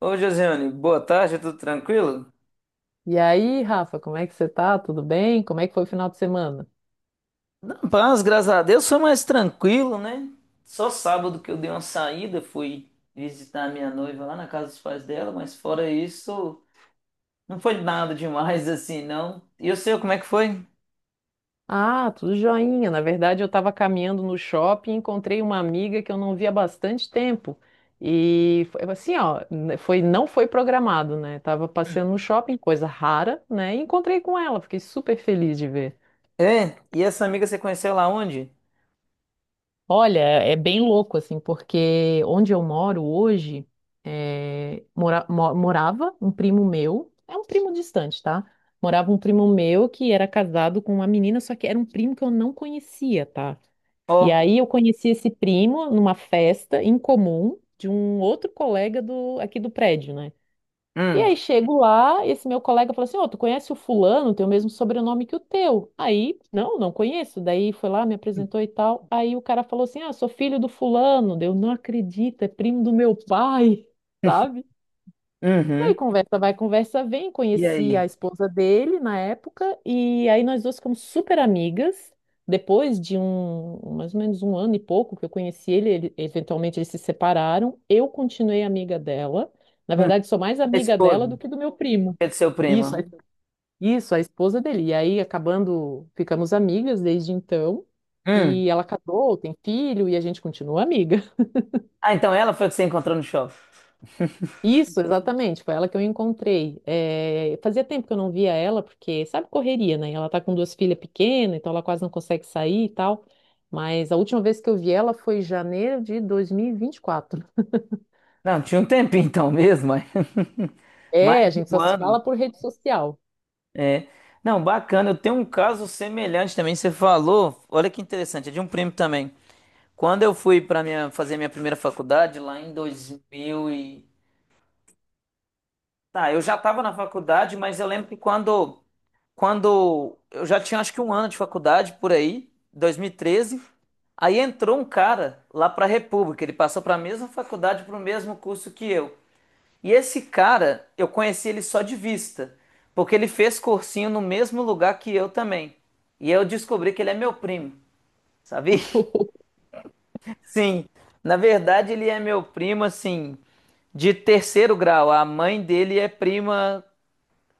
Ô, Josiane, boa tarde, tudo tranquilo? E aí, Rafa, como é que você tá? Tudo bem? Como é que foi o final de semana? Na paz, graças a Deus, foi mais tranquilo, né? Só sábado que eu dei uma saída, fui visitar a minha noiva lá na casa dos pais dela, mas fora isso, não foi nada demais assim, não. E o seu, como é que foi? Ah, tudo joinha. Na verdade, eu estava caminhando no shopping e encontrei uma amiga que eu não via há bastante tempo. E foi assim, ó, não foi programado, né? Tava passeando no shopping, coisa rara, né? E encontrei com ela, fiquei super feliz de ver. É, e essa amiga você conheceu lá onde? Olha, é bem louco, assim, porque onde eu moro hoje, é, morava um primo meu, é um primo distante, tá? Morava um primo meu que era casado com uma menina, só que era um primo que eu não conhecia, tá? E Ó, aí eu conheci esse primo numa festa em comum de um outro colega aqui do prédio, né? E hum, aí chego lá, esse meu colega falou assim: Ô, tu conhece o fulano, tem o mesmo sobrenome que o teu. Aí, não, não conheço. Daí foi lá, me apresentou e tal. Aí o cara falou assim: Ah, sou filho do fulano. Daí eu não acredito, é primo do meu pai, sabe? E aí uhum. conversa vai, conversa vem. E Conheci aí? a esposa dele na época e aí nós duas ficamos super amigas. Depois de um, mais ou menos um ano e pouco que eu conheci ele, eventualmente eles se separaram. Eu continuei amiga dela. Na Hum. verdade, sou mais A amiga esposa, dela do que do meu primo. que é de seu Isso, primo. a- isso, a esposa dele. E aí acabando, ficamos amigas desde então. Hum. E ela casou, tem filho e a gente continua amiga. Ah, então ela foi a que você encontrou no shopping. Isso, exatamente, foi ela que eu encontrei. É, fazia tempo que eu não via ela, porque sabe correria, né? Ela tá com duas filhas pequenas, então ela quase não consegue sair e tal. Mas a última vez que eu vi ela foi em janeiro de 2024. Não, tinha um tempinho então mesmo, mas mais É, a de gente só um se fala ano. por rede social. É. Não, bacana. Eu tenho um caso semelhante também. Você falou, olha que interessante, é de um primo também. Quando eu fui para minha fazer minha primeira faculdade lá em 2000 e tá, eu já estava na faculdade, mas eu lembro que quando eu já tinha acho que um ano de faculdade por aí, 2013. Aí entrou um cara lá para a República, ele passou para a mesma faculdade, para o mesmo curso que eu. E esse cara, eu conheci ele só de vista, porque ele fez cursinho no mesmo lugar que eu também. E eu descobri que ele é meu primo, sabe? Sim, na verdade ele é meu primo, assim, de terceiro grau. A mãe dele é prima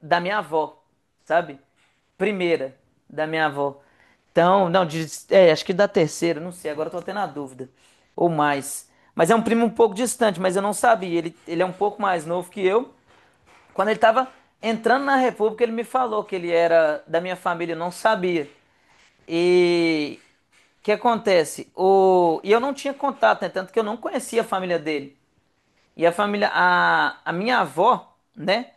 da minha avó, sabe? Primeira da minha avó. Então, não, de- é, acho que da terceira, não sei, agora eu tô tendo a dúvida. Ou mais. Mas é um primo um pouco distante, mas eu não sabia. Ele é um pouco mais novo que eu. Quando ele estava entrando na República, ele me falou que ele era da minha família, eu não sabia. E o que acontece? E eu não tinha contato, né? Tanto que eu não conhecia a família dele. E a família, a minha avó, né,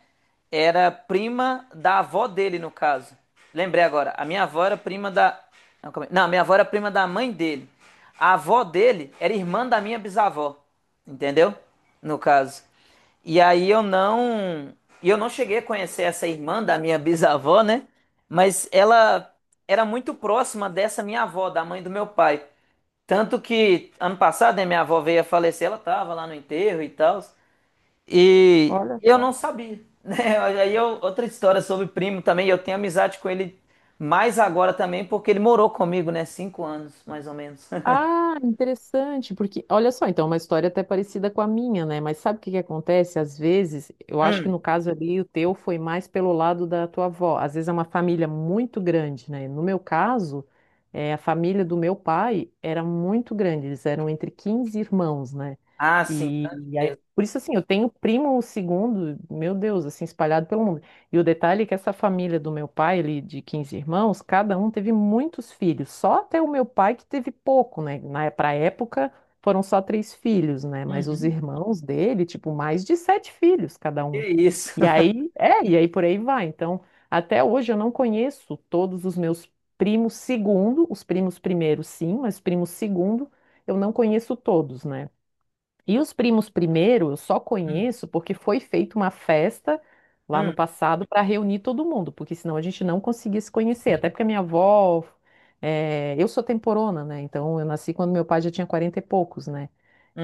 era prima da avó dele, no caso. Lembrei agora, a minha avó era prima da. Não, não, a minha avó era prima da mãe dele. A avó dele era irmã da minha bisavó, entendeu? No caso. E aí eu não. E eu não cheguei a conhecer essa irmã da minha bisavó, né? Mas ela era muito próxima dessa minha avó, da mãe do meu pai. Tanto que ano passado, né, minha avó veio a falecer, ela tava lá no enterro e tal. E Olha eu só. não sabia, né? Aí eu- outra história sobre primo também, eu tenho amizade com ele mais agora também, porque ele morou comigo, né? 5 anos, mais ou menos. Ah, interessante, porque olha só, então, é uma história até parecida com a minha, né? Mas sabe o que que acontece? Às vezes, eu acho que no caso ali o teu foi mais pelo lado da tua avó. Às vezes é uma família muito grande, né? No meu caso, a família do meu pai era muito grande, eles eram entre 15 irmãos, né? Ah, sim, E, tanto e aí, mesmo. por isso, assim, eu tenho primo segundo, meu Deus, assim, espalhado pelo mundo. E o detalhe é que essa família do meu pai, ele de 15 irmãos, cada um teve muitos filhos. Só até o meu pai que teve pouco, né? Pra época foram só três filhos, né? Mas os Uhum. irmãos dele, tipo, mais de sete filhos cada Que um. isso. E aí, é, e aí por aí vai. Então, até hoje eu não conheço todos os meus primos segundo, os primos primeiro sim, mas primos segundo eu não conheço todos, né? E os primos primeiro, eu só conheço porque foi feita uma festa lá no Hum, passado para reunir todo mundo, porque senão a gente não conseguia se conhecer. Até porque a minha avó, eu sou temporona, né? Então eu nasci quando meu pai já tinha 40 e poucos, né?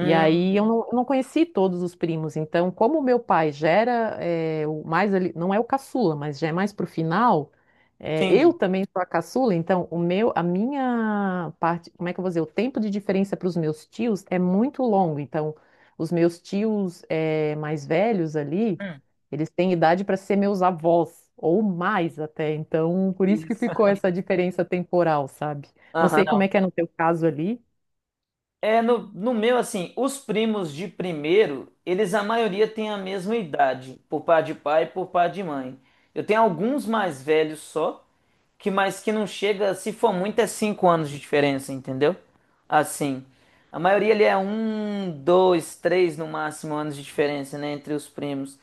E aí eu não conheci todos os primos, então como o meu pai já era o mais ali, não é o caçula, mas já é mais pro final, eu sim. também sou a caçula, então o meu, a minha parte, como é que eu vou dizer, o tempo de diferença para os meus tios é muito longo, então os meus tios mais velhos ali, Hum, eles têm idade para ser meus avós, ou mais até, então por isso que isso. ficou essa diferença temporal, sabe? Não Aham, sei como não. é que é no teu caso ali. É, no meu, assim, os primos de primeiro, eles a maioria tem a mesma idade, por par de pai e por par de mãe. Eu tenho alguns mais velhos só, que mas que não chega, se for muito, é cinco anos de diferença, entendeu? Assim, a maioria ali é um, dois, três no máximo anos de diferença, né, entre os primos.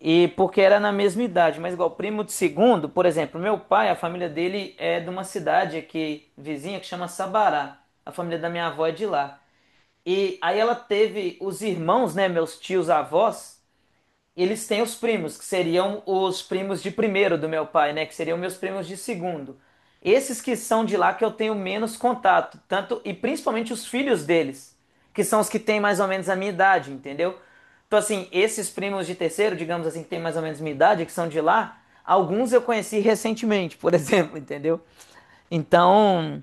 E porque era na mesma idade, mas igual primo de segundo, por exemplo, meu pai, a família dele é de uma cidade aqui vizinha que chama Sabará. A família da minha avó é de lá. E aí ela teve os irmãos, né, meus tios avós, eles têm os primos, que seriam os primos de primeiro do meu pai, né, que seriam meus primos de segundo. Esses que são de lá que eu tenho menos contato, tanto e principalmente os filhos deles, que são os que têm mais ou menos a minha idade, entendeu? Então assim, esses primos de terceiro, digamos assim, que têm mais ou menos a minha idade, que são de lá, alguns eu conheci recentemente, por exemplo, entendeu? Então,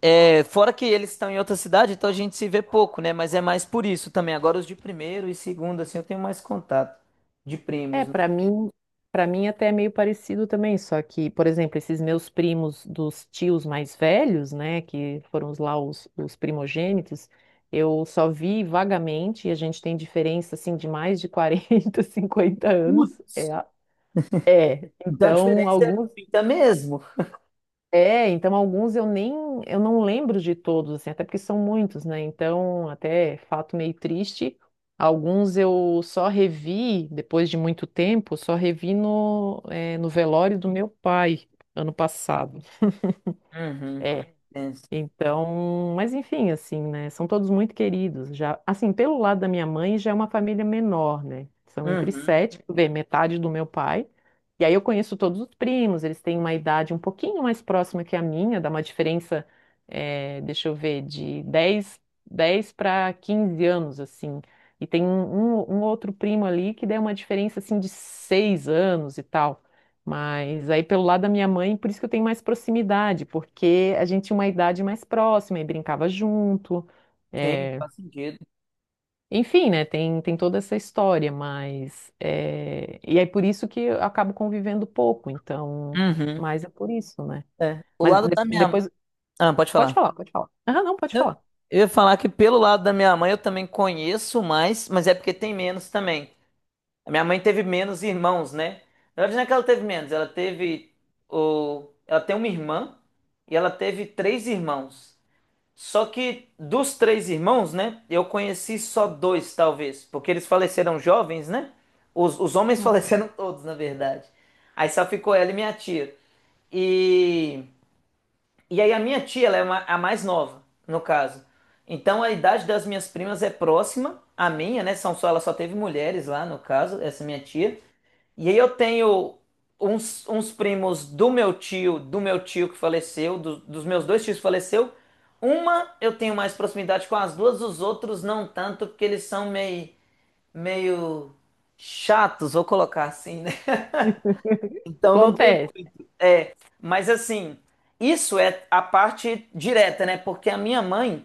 é, fora que eles estão em outra cidade, então a gente se vê pouco, né? Mas é mais por isso também. Agora os de primeiro e segundo, assim, eu tenho mais contato de É, primos, né? para mim até é meio parecido também, só que, por exemplo, esses meus primos dos tios mais velhos, né, que foram os primogênitos, eu só vi vagamente, e a gente tem diferença, assim, de mais de 40, 50 anos, Putz. É, Então a então, diferença é alguns, muita mesmo. Então alguns eu não lembro de todos, assim, até porque são muitos, né? Então, até fato meio triste, alguns eu só revi depois de muito tempo, só revi no velório do meu pai ano passado. Uhum. É. É. Então, mas enfim, assim, né? São todos muito queridos. Já, assim, pelo lado da minha mãe, já é uma família menor, né? São entre Uhum. sete, tu vê, metade do meu pai. E aí eu conheço todos os primos, eles têm uma idade um pouquinho mais próxima que a minha, dá uma diferença, deixa eu ver, de dez para 15 anos, assim. E tem um outro primo ali que dá uma diferença, assim, de 6 anos e tal. Mas aí pelo lado da minha mãe, por isso que eu tenho mais proximidade, porque a gente tinha uma idade mais próxima e brincava junto. Sim, é, faz sentido. Enfim, né? Tem toda essa história, mas. E aí por isso que eu acabo convivendo pouco, então. Uhum. Mas é por isso, né? É. O Mas lado da minha. depois. Ah, pode Pode falar. falar, pode falar. Ah, não, pode Não, falar. eu ia falar que pelo lado da minha mãe eu também conheço mais, mas é porque tem menos também. A minha mãe teve menos irmãos, né? Na verdade, não é que ela teve menos, ela teve o... ela tem uma irmã e ela teve três irmãos. Só que dos três irmãos, né? Eu conheci só dois, talvez, porque eles faleceram jovens, né? Os homens Não. faleceram todos, na verdade. Aí só ficou ela e minha tia. E aí a minha tia, ela é a mais nova, no caso. Então a idade das minhas primas é próxima à minha, né? São só, ela só teve mulheres lá, no caso, essa minha tia. E aí eu tenho uns primos do meu tio que faleceu, dos meus dois tios que faleceu. Uma eu tenho mais proximidade com as duas, os outros não tanto, porque eles são meio chatos, vou colocar assim, né? Então não tem, Acontece. mas assim, isso é a parte direta, né? Porque a minha mãe,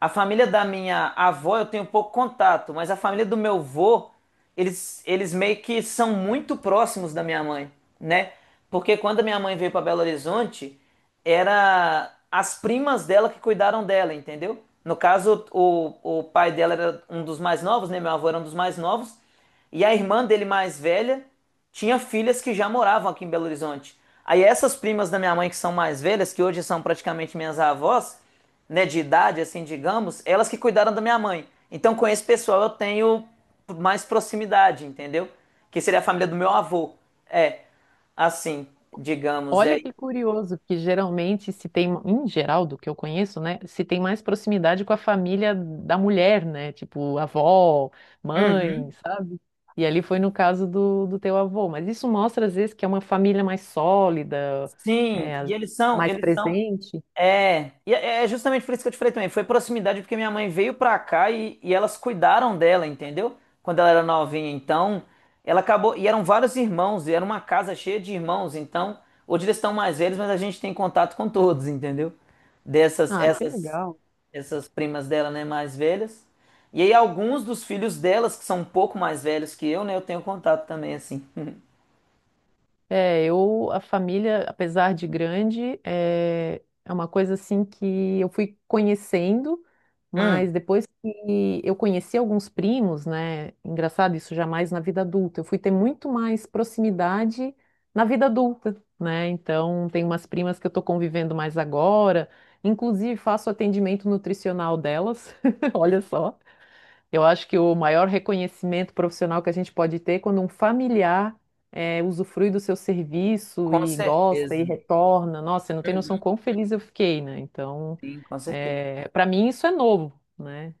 a família da minha avó, eu tenho pouco contato, mas a família do meu avô eles meio que são muito próximos da minha mãe, né? Porque quando a minha mãe veio para Belo Horizonte, era as primas dela que cuidaram dela, entendeu? No caso, o pai dela era um dos mais novos, né? Meu avô era um dos mais novos. E a irmã dele mais velha tinha filhas que já moravam aqui em Belo Horizonte. Aí essas primas da minha mãe que são mais velhas, que hoje são praticamente minhas avós, né, de idade, assim, digamos, elas que cuidaram da minha mãe. Então, com esse pessoal eu tenho mais proximidade, entendeu? Que seria a família do meu avô. É, assim, digamos, é. Olha que curioso, que geralmente se tem, em geral, do que eu conheço, né, se tem mais proximidade com a família da mulher, né, tipo avó, mãe, Uhum. sabe? E ali foi no caso do teu avô, mas isso mostra às vezes que é uma família mais sólida, Sim, é, e as- mais eles são presente. é, e é justamente por isso que eu te falei também. Foi proximidade porque minha mãe veio pra cá e elas cuidaram dela, entendeu? Quando ela era novinha. Então, ela acabou. E eram vários irmãos, e era uma casa cheia de irmãos. Então, hoje eles estão mais velhos, mas a gente tem contato com todos, entendeu? Dessas, Ah, que essas, legal. essas primas dela, né, mais velhas. E aí, alguns dos filhos delas, que são um pouco mais velhos que eu, né, eu tenho contato também, assim. É, eu, a família, apesar de grande, é, uma coisa assim que eu fui conhecendo, Hum, mas depois que eu conheci alguns primos, né? Engraçado, isso jamais na vida adulta. Eu fui ter muito mais proximidade na vida adulta, né? Então, tem umas primas que eu tô convivendo mais agora, inclusive faço atendimento nutricional delas, olha só. Eu acho que o maior reconhecimento profissional que a gente pode ter é quando um familiar usufrui do seu serviço com e gosta e certeza. retorna. Nossa, você não tem noção Uhum. quão feliz eu fiquei, né? Então, Sim, com certeza. para mim isso é novo, né?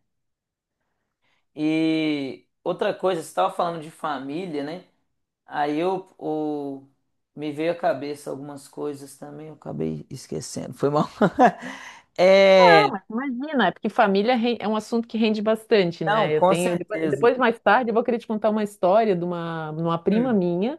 E outra coisa, você estava falando de família, né? Aí eu, o- Me veio à cabeça algumas coisas também, eu acabei esquecendo, foi mal. Ah, É, mas imagina, é porque família é um assunto que rende bastante, não, né? Eu com tenho, depois, certeza. depois, mais tarde, eu vou querer te contar uma história de uma prima Hum. minha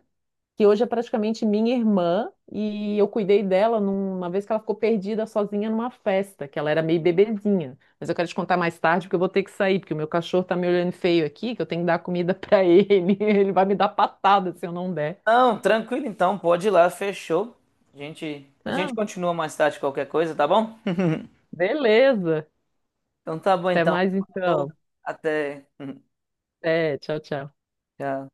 que hoje é praticamente minha irmã, e eu cuidei dela numa vez que ela ficou perdida sozinha numa festa, que ela era meio bebezinha. Mas eu quero te contar mais tarde, porque eu vou ter que sair, porque o meu cachorro tá me olhando feio aqui, que eu tenho que dar comida pra ele. Ele vai me dar patada se eu não der. Não, tranquilo então, pode ir lá, fechou. A gente Não, continua mais tarde qualquer coisa, tá bom? beleza. Então tá bom Até então. mais então. Falou, até. É, tchau, tchau. Tchau.